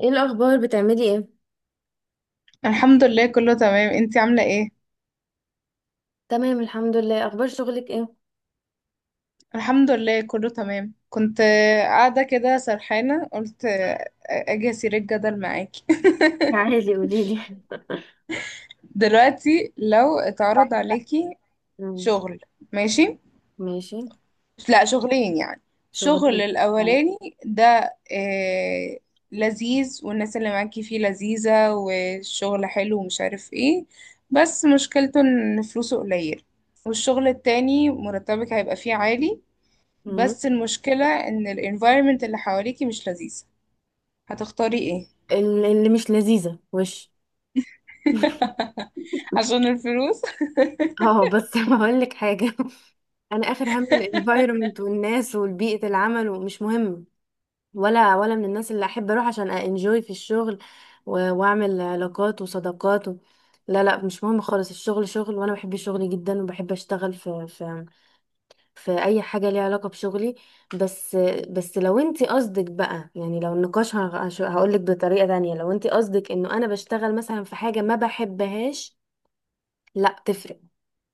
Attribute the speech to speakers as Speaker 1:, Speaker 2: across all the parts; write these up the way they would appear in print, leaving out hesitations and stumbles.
Speaker 1: ايه الاخبار؟ بتعملي ايه؟
Speaker 2: الحمد لله كله تمام. انتي عاملة ايه؟
Speaker 1: تمام، الحمد لله. اخبار شغلك ايه؟
Speaker 2: الحمد لله كله تمام، كنت قاعدة كده سرحانة، قلت اجي اسير الجدل معاكي.
Speaker 1: عادي، قولي لي.
Speaker 2: دلوقتي لو اتعرض عليكي
Speaker 1: مم.
Speaker 2: شغل، ماشي؟
Speaker 1: ماشي.
Speaker 2: لا، شغلين يعني. شغل
Speaker 1: شغلي.
Speaker 2: الاولاني ده آه لذيذ، والناس اللي معاكي فيه لذيذة، والشغل حلو ومش عارف ايه، بس مشكلته ان فلوسه قليل. والشغل التاني مرتبك هيبقى فيه عالي،
Speaker 1: مم.
Speaker 2: بس المشكلة ان ال environment اللي حواليكي مش لذيذة. هتختاري ايه؟
Speaker 1: اللي مش لذيذه، وش؟
Speaker 2: عشان الفلوس.
Speaker 1: اه بس هقول لك حاجه. انا اخر هم الانفايرمنت والناس وبيئه العمل، ومش مهم. ولا من الناس اللي احب اروح عشان انجوي في الشغل. واعمل علاقات وصداقات و. لا، لا، مش مهم خالص. الشغل شغل، وانا بحب الشغل جدا وبحب اشتغل في اي حاجه ليها علاقه بشغلي. بس بس لو انت قصدك بقى، يعني لو النقاش، هقول لك بطريقه تانية. لو انت قصدك انه انا بشتغل مثلا في حاجه ما بحبهاش، لا، تفرق.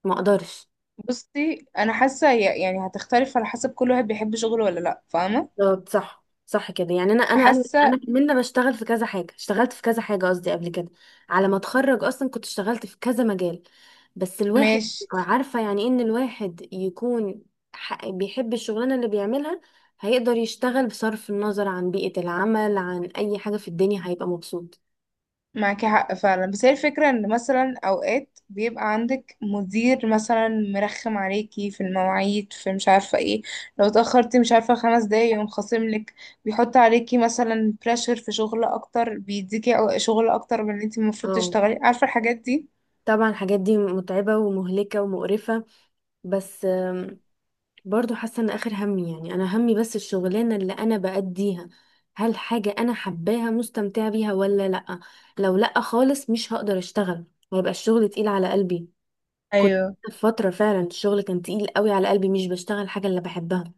Speaker 1: ما اقدرش.
Speaker 2: بصي، انا حاسة يعني هتختلف على حسب كل واحد بيحب شغله ولا لا، فاهمة؟
Speaker 1: بالظبط، صح صح كده. يعني انا انا انا
Speaker 2: فحاسة
Speaker 1: انا كمان بشتغل في كذا حاجه، اشتغلت في كذا حاجه قصدي قبل كده. على ما اتخرج اصلا كنت اشتغلت في كذا مجال. بس الواحد
Speaker 2: ماشي.
Speaker 1: عارفه يعني إيه ان الواحد يكون بيحب الشغلانه اللي بيعملها، هيقدر يشتغل بصرف النظر عن بيئه العمل، عن اي حاجه في الدنيا، هيبقى مبسوط.
Speaker 2: معاكي حق فعلا، بس هي الفكرة ان مثلا اوقات بيبقى عندك مدير مثلا مرخم عليكي في المواعيد، في مش عارفة ايه. لو اتأخرتي مش عارفة خمس دقايق يقوم خاصملك، بيحط عليكي مثلا بريشر في شغل اكتر، بيديكي شغل اكتر من اللي انت المفروض
Speaker 1: اه،
Speaker 2: تشتغلي، عارفة الحاجات دي؟
Speaker 1: طبعا الحاجات دي متعبه ومهلكه ومقرفه. بس برضو حاسه ان اخر همي، يعني انا همي بس الشغلانه اللي انا بأديها، هل حاجه انا حباها، مستمتعه بيها ولا لا؟ لو لا خالص مش هقدر اشتغل، ويبقى الشغل تقيل على قلبي. كنت في فتره فعلا الشغل كان تقيل قوي على قلبي، مش بشتغل الحاجه اللي بحبها.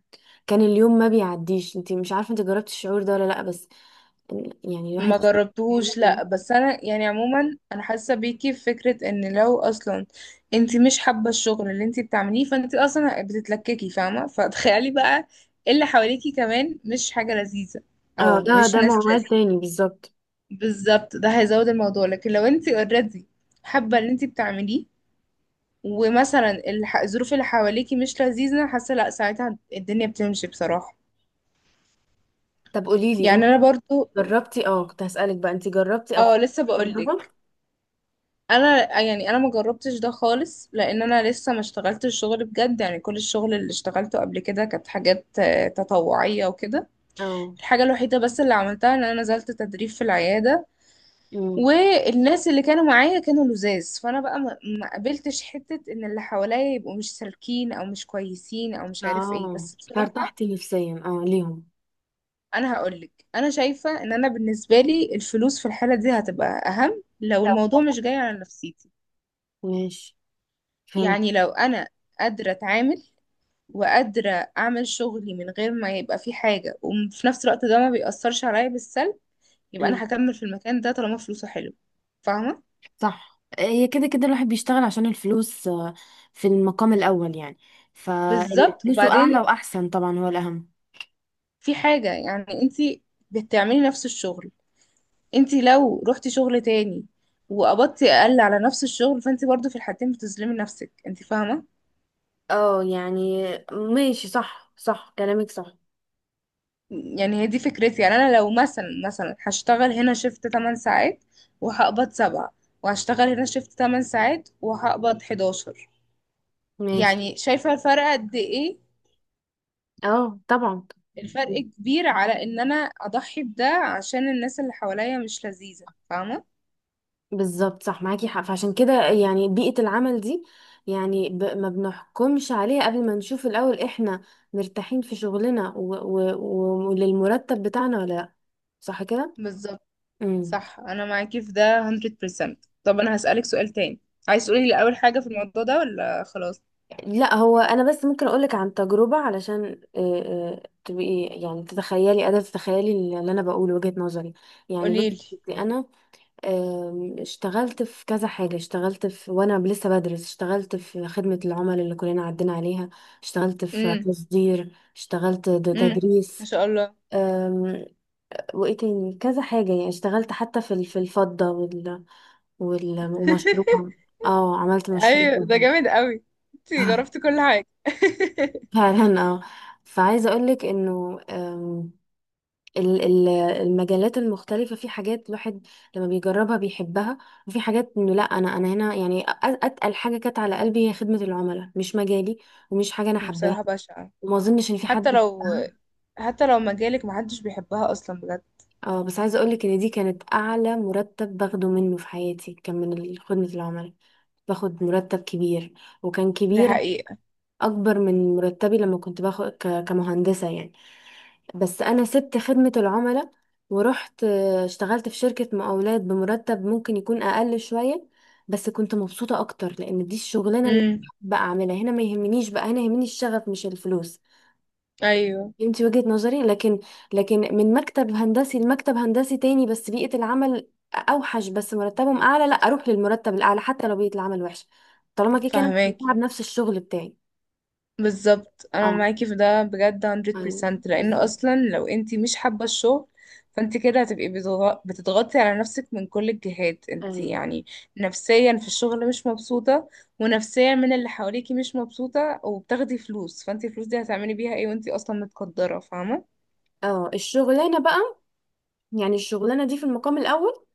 Speaker 1: كان اليوم ما بيعديش. انت مش عارفه، انت جربتي الشعور ده ولا لا؟ بس يعني الواحد
Speaker 2: ما
Speaker 1: يشتغل في
Speaker 2: جربتهوش لا،
Speaker 1: حاجة-
Speaker 2: بس انا يعني عموما انا حاسه بيكي في فكره ان لو اصلا انت مش حابه الشغل اللي انت بتعمليه، فانت اصلا بتتلككي فاهمه. فتخيلي بقى اللي حواليكي كمان مش حاجه لذيذه،
Speaker 1: اه،
Speaker 2: او
Speaker 1: ده
Speaker 2: مش
Speaker 1: ده
Speaker 2: ناس
Speaker 1: موال
Speaker 2: لذيذه.
Speaker 1: تاني بالظبط.
Speaker 2: بالظبط، ده هيزود الموضوع. لكن لو انت اوريدي حابه اللي انت بتعمليه، ومثلا الظروف اللي حواليكي مش لذيذه، حاسه لا، ساعتها الدنيا بتمشي بصراحه.
Speaker 1: طب قولي لي
Speaker 2: يعني
Speaker 1: انت
Speaker 2: انا برضو.
Speaker 1: جربتي؟ اه، كنت هسألك بقى، انت جربتي او
Speaker 2: اه
Speaker 1: خدتي
Speaker 2: لسه
Speaker 1: تجربه؟
Speaker 2: بقولك، انا يعني انا ما جربتش ده خالص، لان انا لسه ما اشتغلت الشغل بجد. يعني كل الشغل اللي اشتغلته قبل كده كانت حاجات تطوعية وكده.
Speaker 1: اه.
Speaker 2: الحاجة الوحيدة بس اللي عملتها ان انا نزلت تدريب في العيادة،
Speaker 1: امم.
Speaker 2: والناس اللي كانوا معايا كانوا لزاز، فانا بقى ما قابلتش حتة ان اللي حواليا يبقوا مش سالكين، او مش كويسين، او مش عارف ايه،
Speaker 1: اه.
Speaker 2: بس بصراحة
Speaker 1: ارتحتي نفسيا ليهم؟
Speaker 2: انا هقولك، انا شايفة ان انا بالنسبة لي الفلوس في الحالة دي هتبقى اهم، لو الموضوع مش جاي على نفسيتي.
Speaker 1: ماشي. فهمت.
Speaker 2: يعني لو انا قادرة اتعامل، وقادرة أعمل شغلي من غير ما يبقى في حاجة، وفي نفس الوقت ده ما بيأثرش عليا بالسلب، يبقى
Speaker 1: أمم.
Speaker 2: أنا هكمل في المكان ده طالما فلوسه حلو. فاهمة؟
Speaker 1: صح، هي كده كده الواحد بيشتغل عشان الفلوس في المقام الأول يعني. فاللي
Speaker 2: بالظبط.
Speaker 1: فلوسه أعلى
Speaker 2: وبعدين
Speaker 1: وأحسن طبعا هو الأهم.
Speaker 2: في حاجة، يعني انتي بتعملي نفس الشغل. انتي لو رحتي شغل تاني وقبضتي أقل على نفس الشغل، فانتي برضو في الحالتين بتظلمي نفسك انتي، فاهمة؟
Speaker 1: اه، يعني ماشي، صح صح، كلامك صح.
Speaker 2: يعني هي دي فكرتي. يعني أنا لو مثلا هشتغل هنا شفت 8 ساعات وهقبض 7، وهشتغل هنا شفت 8 ساعات وهقبض 11،
Speaker 1: ماشي.
Speaker 2: يعني شايفة الفرق قد ايه؟
Speaker 1: اه، طبعا.
Speaker 2: الفرق كبير على ان انا اضحي بده عشان الناس اللي حواليا مش لذيذة، فاهمة؟
Speaker 1: بالظبط، صح، معاكي حق. فعشان كده يعني بيئة العمل دي، يعني ما بنحكمش عليها قبل ما نشوف الأول احنا مرتاحين في شغلنا وللمرتب بتاعنا ولا لا، صح كده؟
Speaker 2: بالظبط
Speaker 1: امم.
Speaker 2: صح. انا معاكي في ده 100%. طب انا هسألك سؤال تاني، عايز تقولي لي اول حاجة في الموضوع ده ولا خلاص؟
Speaker 1: لا، هو أنا بس ممكن أقولك عن تجربة علشان تبقي يعني تتخيلي، قادرة تتخيلي اللي أنا بقوله وجهة نظري. يعني
Speaker 2: قولي
Speaker 1: بصي،
Speaker 2: لي.
Speaker 1: أنا اشتغلت في كذا حاجة، اشتغلت في وانا لسه بدرس، اشتغلت في خدمة العملاء اللي كلنا عدينا عليها. اشتغلت في
Speaker 2: امم،
Speaker 1: تصدير، اشتغلت
Speaker 2: امم، ما
Speaker 1: تدريس.
Speaker 2: شاء الله.
Speaker 1: أم، وايه تاني كذا حاجة، يعني اشتغلت حتى في الفضة وال، ومشروع. اه، عملت
Speaker 2: ايوه، ده
Speaker 1: مشروع.
Speaker 2: جامد قوي، انت جربتي كل حاجة.
Speaker 1: فعلا، اه. فعايزة اقولك انه ال- ال- المجالات المختلفة، في حاجات الواحد لما بيجربها بيحبها، وفي حاجات انه لا. انا هنا يعني اتقل حاجة كانت على قلبي هي خدمة العملاء، مش مجالي. ومش حاجة انا حباها،
Speaker 2: بصراحة بشعة.
Speaker 1: وما اظنش ان في حد
Speaker 2: حتى لو،
Speaker 1: بيحبها.
Speaker 2: حتى لو مجالك محدش بيحبها اصلا بجد.
Speaker 1: اه، بس عايزة اقولك ان دي كانت اعلى مرتب باخده منه في حياتي، كان من خدمة العملاء. باخد مرتب كبير، وكان
Speaker 2: دي
Speaker 1: كبير،
Speaker 2: حقيقة.
Speaker 1: اكبر من مرتبي لما كنت باخد كمهندسة يعني. بس انا سبت خدمة العملاء ورحت اشتغلت في شركة مقاولات بمرتب ممكن يكون اقل شوية، بس كنت مبسوطة اكتر لان دي الشغلانة اللي
Speaker 2: امم.
Speaker 1: بقى اعملها. هنا ما يهمنيش، بقى هنا يهمني الشغف مش الفلوس.
Speaker 2: ايوه.
Speaker 1: انت وجهة نظري، لكن لكن من مكتب هندسي لمكتب هندسي تاني بس بيئة العمل اوحش بس مرتبهم اعلى، لا، اروح للمرتب الاعلى حتى لو بيئة العمل وحشة، طالما كده كده انا
Speaker 2: فاهماكي.
Speaker 1: مستمتعة بنفس الشغل بتاعي.
Speaker 2: بالظبط انا
Speaker 1: اه،
Speaker 2: معاكي في ده بجد
Speaker 1: أيوة،
Speaker 2: 100%، لان
Speaker 1: بالظبط.
Speaker 2: اصلا لو انتي مش حابه الشغل، فانت كده هتبقي بتضغطي على نفسك من كل الجهات انت
Speaker 1: ايوه.
Speaker 2: يعني. نفسيا في الشغل مش مبسوطه، ونفسيا من اللي حواليكي مش مبسوطه، وبتاخدي فلوس، فانت الفلوس دي هتعملي بيها ايه وانت اصلا متقدره، فاهمه؟
Speaker 1: اه، الشغلانة بقى، يعني الشغلانة دي في المقام الأول،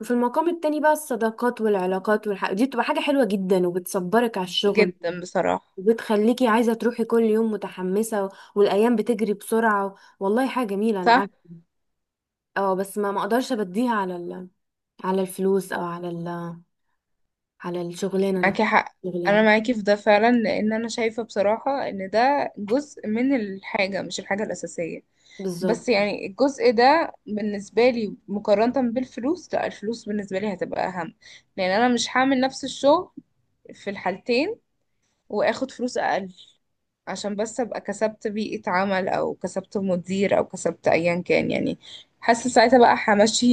Speaker 1: وفي المقام التاني بقى الصداقات والعلاقات دي بتبقى حاجة حلوة جدا وبتصبرك على الشغل،
Speaker 2: جدا بصراحه.
Speaker 1: وبتخليكي عايزة تروحي كل يوم متحمسة والأيام بتجري بسرعة. والله حاجة جميلة، أنا
Speaker 2: صح
Speaker 1: عارفة. اه، بس ما مقدرش أبديها على على الفلوس، أو على على الشغلانة
Speaker 2: معاكي
Speaker 1: نفسها.
Speaker 2: حق. انا
Speaker 1: الشغلانة.
Speaker 2: معاكي في ده فعلا، لان انا شايفة بصراحة ان ده جزء من الحاجة، مش الحاجة الأساسية. بس
Speaker 1: بالظبط.
Speaker 2: يعني الجزء ده بالنسبة لي مقارنة بالفلوس، لا، الفلوس بالنسبة لي هتبقى أهم، لأن أنا مش هعمل نفس الشغل في الحالتين وآخد فلوس أقل عشان بس أبقى كسبت بيئة عمل، أو كسبت مدير، أو كسبت أيا كان يعني. حاسة ساعتها بقى همشي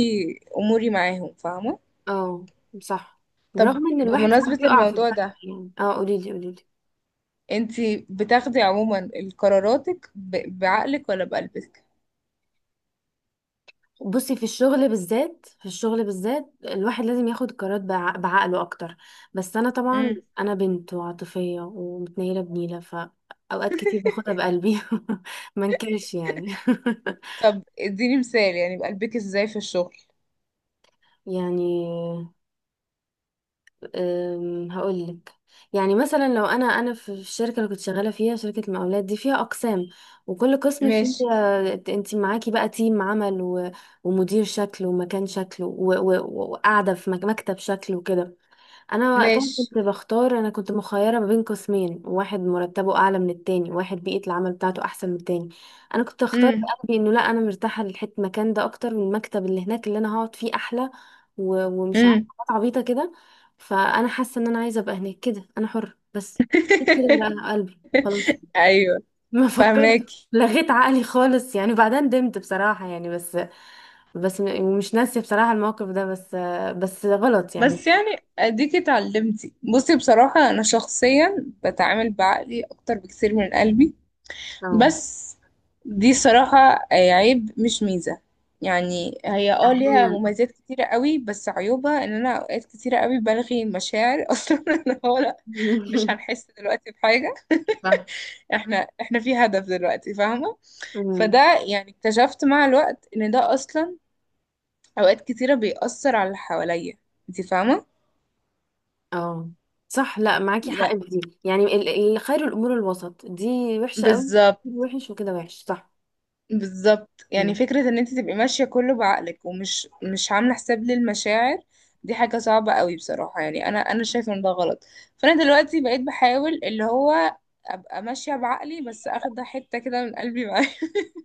Speaker 2: أموري معاهم، فاهمة؟
Speaker 1: اه، صح.
Speaker 2: طب
Speaker 1: برغم إن الواحد ساعات
Speaker 2: بمناسبة
Speaker 1: بيقع في
Speaker 2: الموضوع ده،
Speaker 1: الصح يعني. اه، قوليلي قوليلي.
Speaker 2: انتي بتاخدي عموما قراراتك بعقلك ولا بقلبك؟
Speaker 1: بصي، في الشغل بالذات في الشغل بالذات الواحد لازم ياخد قرارات بعقله اكتر. بس انا طبعا
Speaker 2: امم.
Speaker 1: انا بنت وعاطفية ومتنيلة بنيلة، فاوقات كتير باخدها بقلبي. ما انكرش يعني.
Speaker 2: طب اديني مثال، يعني بقلبك ازاي في الشغل؟
Speaker 1: يعني هقولك، يعني مثلا، لو انا في الشركه اللي كنت شغاله فيها، شركه المقاولات دي فيها اقسام وكل قسم فيه،
Speaker 2: ماشي.
Speaker 1: انت معاكي بقى تيم عمل ومدير شكل ومكان شكل وقاعده في مكتب شكل وكده. انا وقتها
Speaker 2: ماشي.
Speaker 1: كنت بختار، انا كنت مخيره ما بين قسمين. واحد مرتبه اعلى من التاني، واحد بيئه العمل بتاعته احسن من التاني. انا كنت اختار
Speaker 2: امم،
Speaker 1: قلبي، انه لا، انا مرتاحه للحته المكان ده اكتر من المكتب. اللي هناك اللي انا هقعد فيه احلى ومش عارفه،
Speaker 2: امم.
Speaker 1: حاجات عبيطه كده. فانا حاسه ان انا عايزه ابقى هناك كده، انا حره بس. كده ورقه قلبي خلاص.
Speaker 2: ايوه،
Speaker 1: ما فكرت،
Speaker 2: فهماكي.
Speaker 1: لغيت عقلي خالص يعني. بعدين ندمت بصراحه يعني، بس بس مش ناسيه بصراحه الموقف ده، بس بس غلط يعني.
Speaker 2: بس يعني اديكي اتعلمتي. بصي بصراحة انا شخصيا بتعامل بعقلي اكتر بكتير من قلبي.
Speaker 1: اه،
Speaker 2: بس دي صراحة عيب مش ميزة. يعني هي اه ليها
Speaker 1: احيانا.
Speaker 2: مميزات كتيرة قوي، بس عيوبها ان انا اوقات كتيرة قوي بلغي مشاعر اصلا، ان هو لا، مش هنحس دلوقتي بحاجة.
Speaker 1: صح.
Speaker 2: احنا في هدف دلوقتي، فاهمة؟ فده
Speaker 1: مم.
Speaker 2: يعني اكتشفت مع الوقت ان ده اصلا اوقات كتيرة بيأثر على اللي حواليا، انت فاهمة؟
Speaker 1: اه، صح. لا، معاكي
Speaker 2: يعني.
Speaker 1: حق في دي يعني خير الامور الوسط دي وحشه قوي.
Speaker 2: بالظبط.
Speaker 1: وحش، وكده وحش، صح.
Speaker 2: بالظبط، يعني
Speaker 1: مم.
Speaker 2: فكرة ان انت تبقي ماشية كله بعقلك ومش مش عاملة حساب للمشاعر، دي حاجة صعبة قوي بصراحة. يعني انا شايفة ان ده غلط. فانا دلوقتي بقيت بحاول اللي هو ابقى ماشية بعقلي، بس اخد حتة كده من قلبي معايا،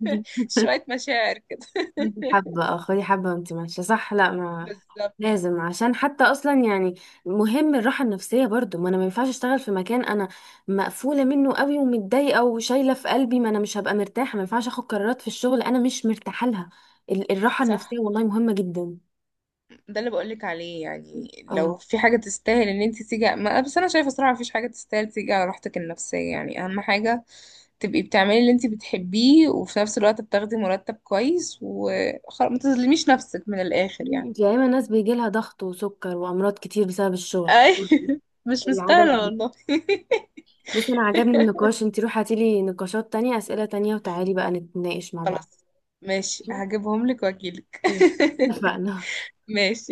Speaker 2: شوية مشاعر كده.
Speaker 1: خدي حبه، اه، خدي حبه وانت ماشيه، صح. لا، ما
Speaker 2: بالظبط
Speaker 1: لازم عشان حتى اصلا يعني مهم الراحه النفسيه برضو. ما انا ما ينفعش اشتغل في مكان انا مقفوله منه قوي ومتضايقه وشايله في قلبي، ما انا مش هبقى مرتاحه. ما ينفعش اخد قرارات في الشغل انا مش مرتاحه لها. الراحه
Speaker 2: صح.
Speaker 1: النفسيه والله مهمه جدا.
Speaker 2: ده اللي بقولك عليه، يعني لو
Speaker 1: اه،
Speaker 2: في حاجة تستاهل ان انت تيجي ما، بس انا شايفة صراحة مفيش حاجة تستاهل تيجي على راحتك النفسية، يعني اهم حاجة تبقي بتعملي اللي انت بتحبيه، وفي نفس الوقت بتاخدي مرتب كويس، وخلاص ما تظلميش نفسك، من الاخر يعني.
Speaker 1: انت يا اما ناس بيجي لها ضغط وسكر وامراض كتير بسبب الشغل.
Speaker 2: اي. مش
Speaker 1: العدم.
Speaker 2: مستاهلة والله.
Speaker 1: بصي، انا عجبني النقاش. انت روحي هاتيلي نقاشات تانية، اسئلة تانية، وتعالي بقى نتناقش مع بعض.
Speaker 2: خلاص، ماشي، هجيبهم لك واجيلك.
Speaker 1: مم. اتفقنا.
Speaker 2: ماشي.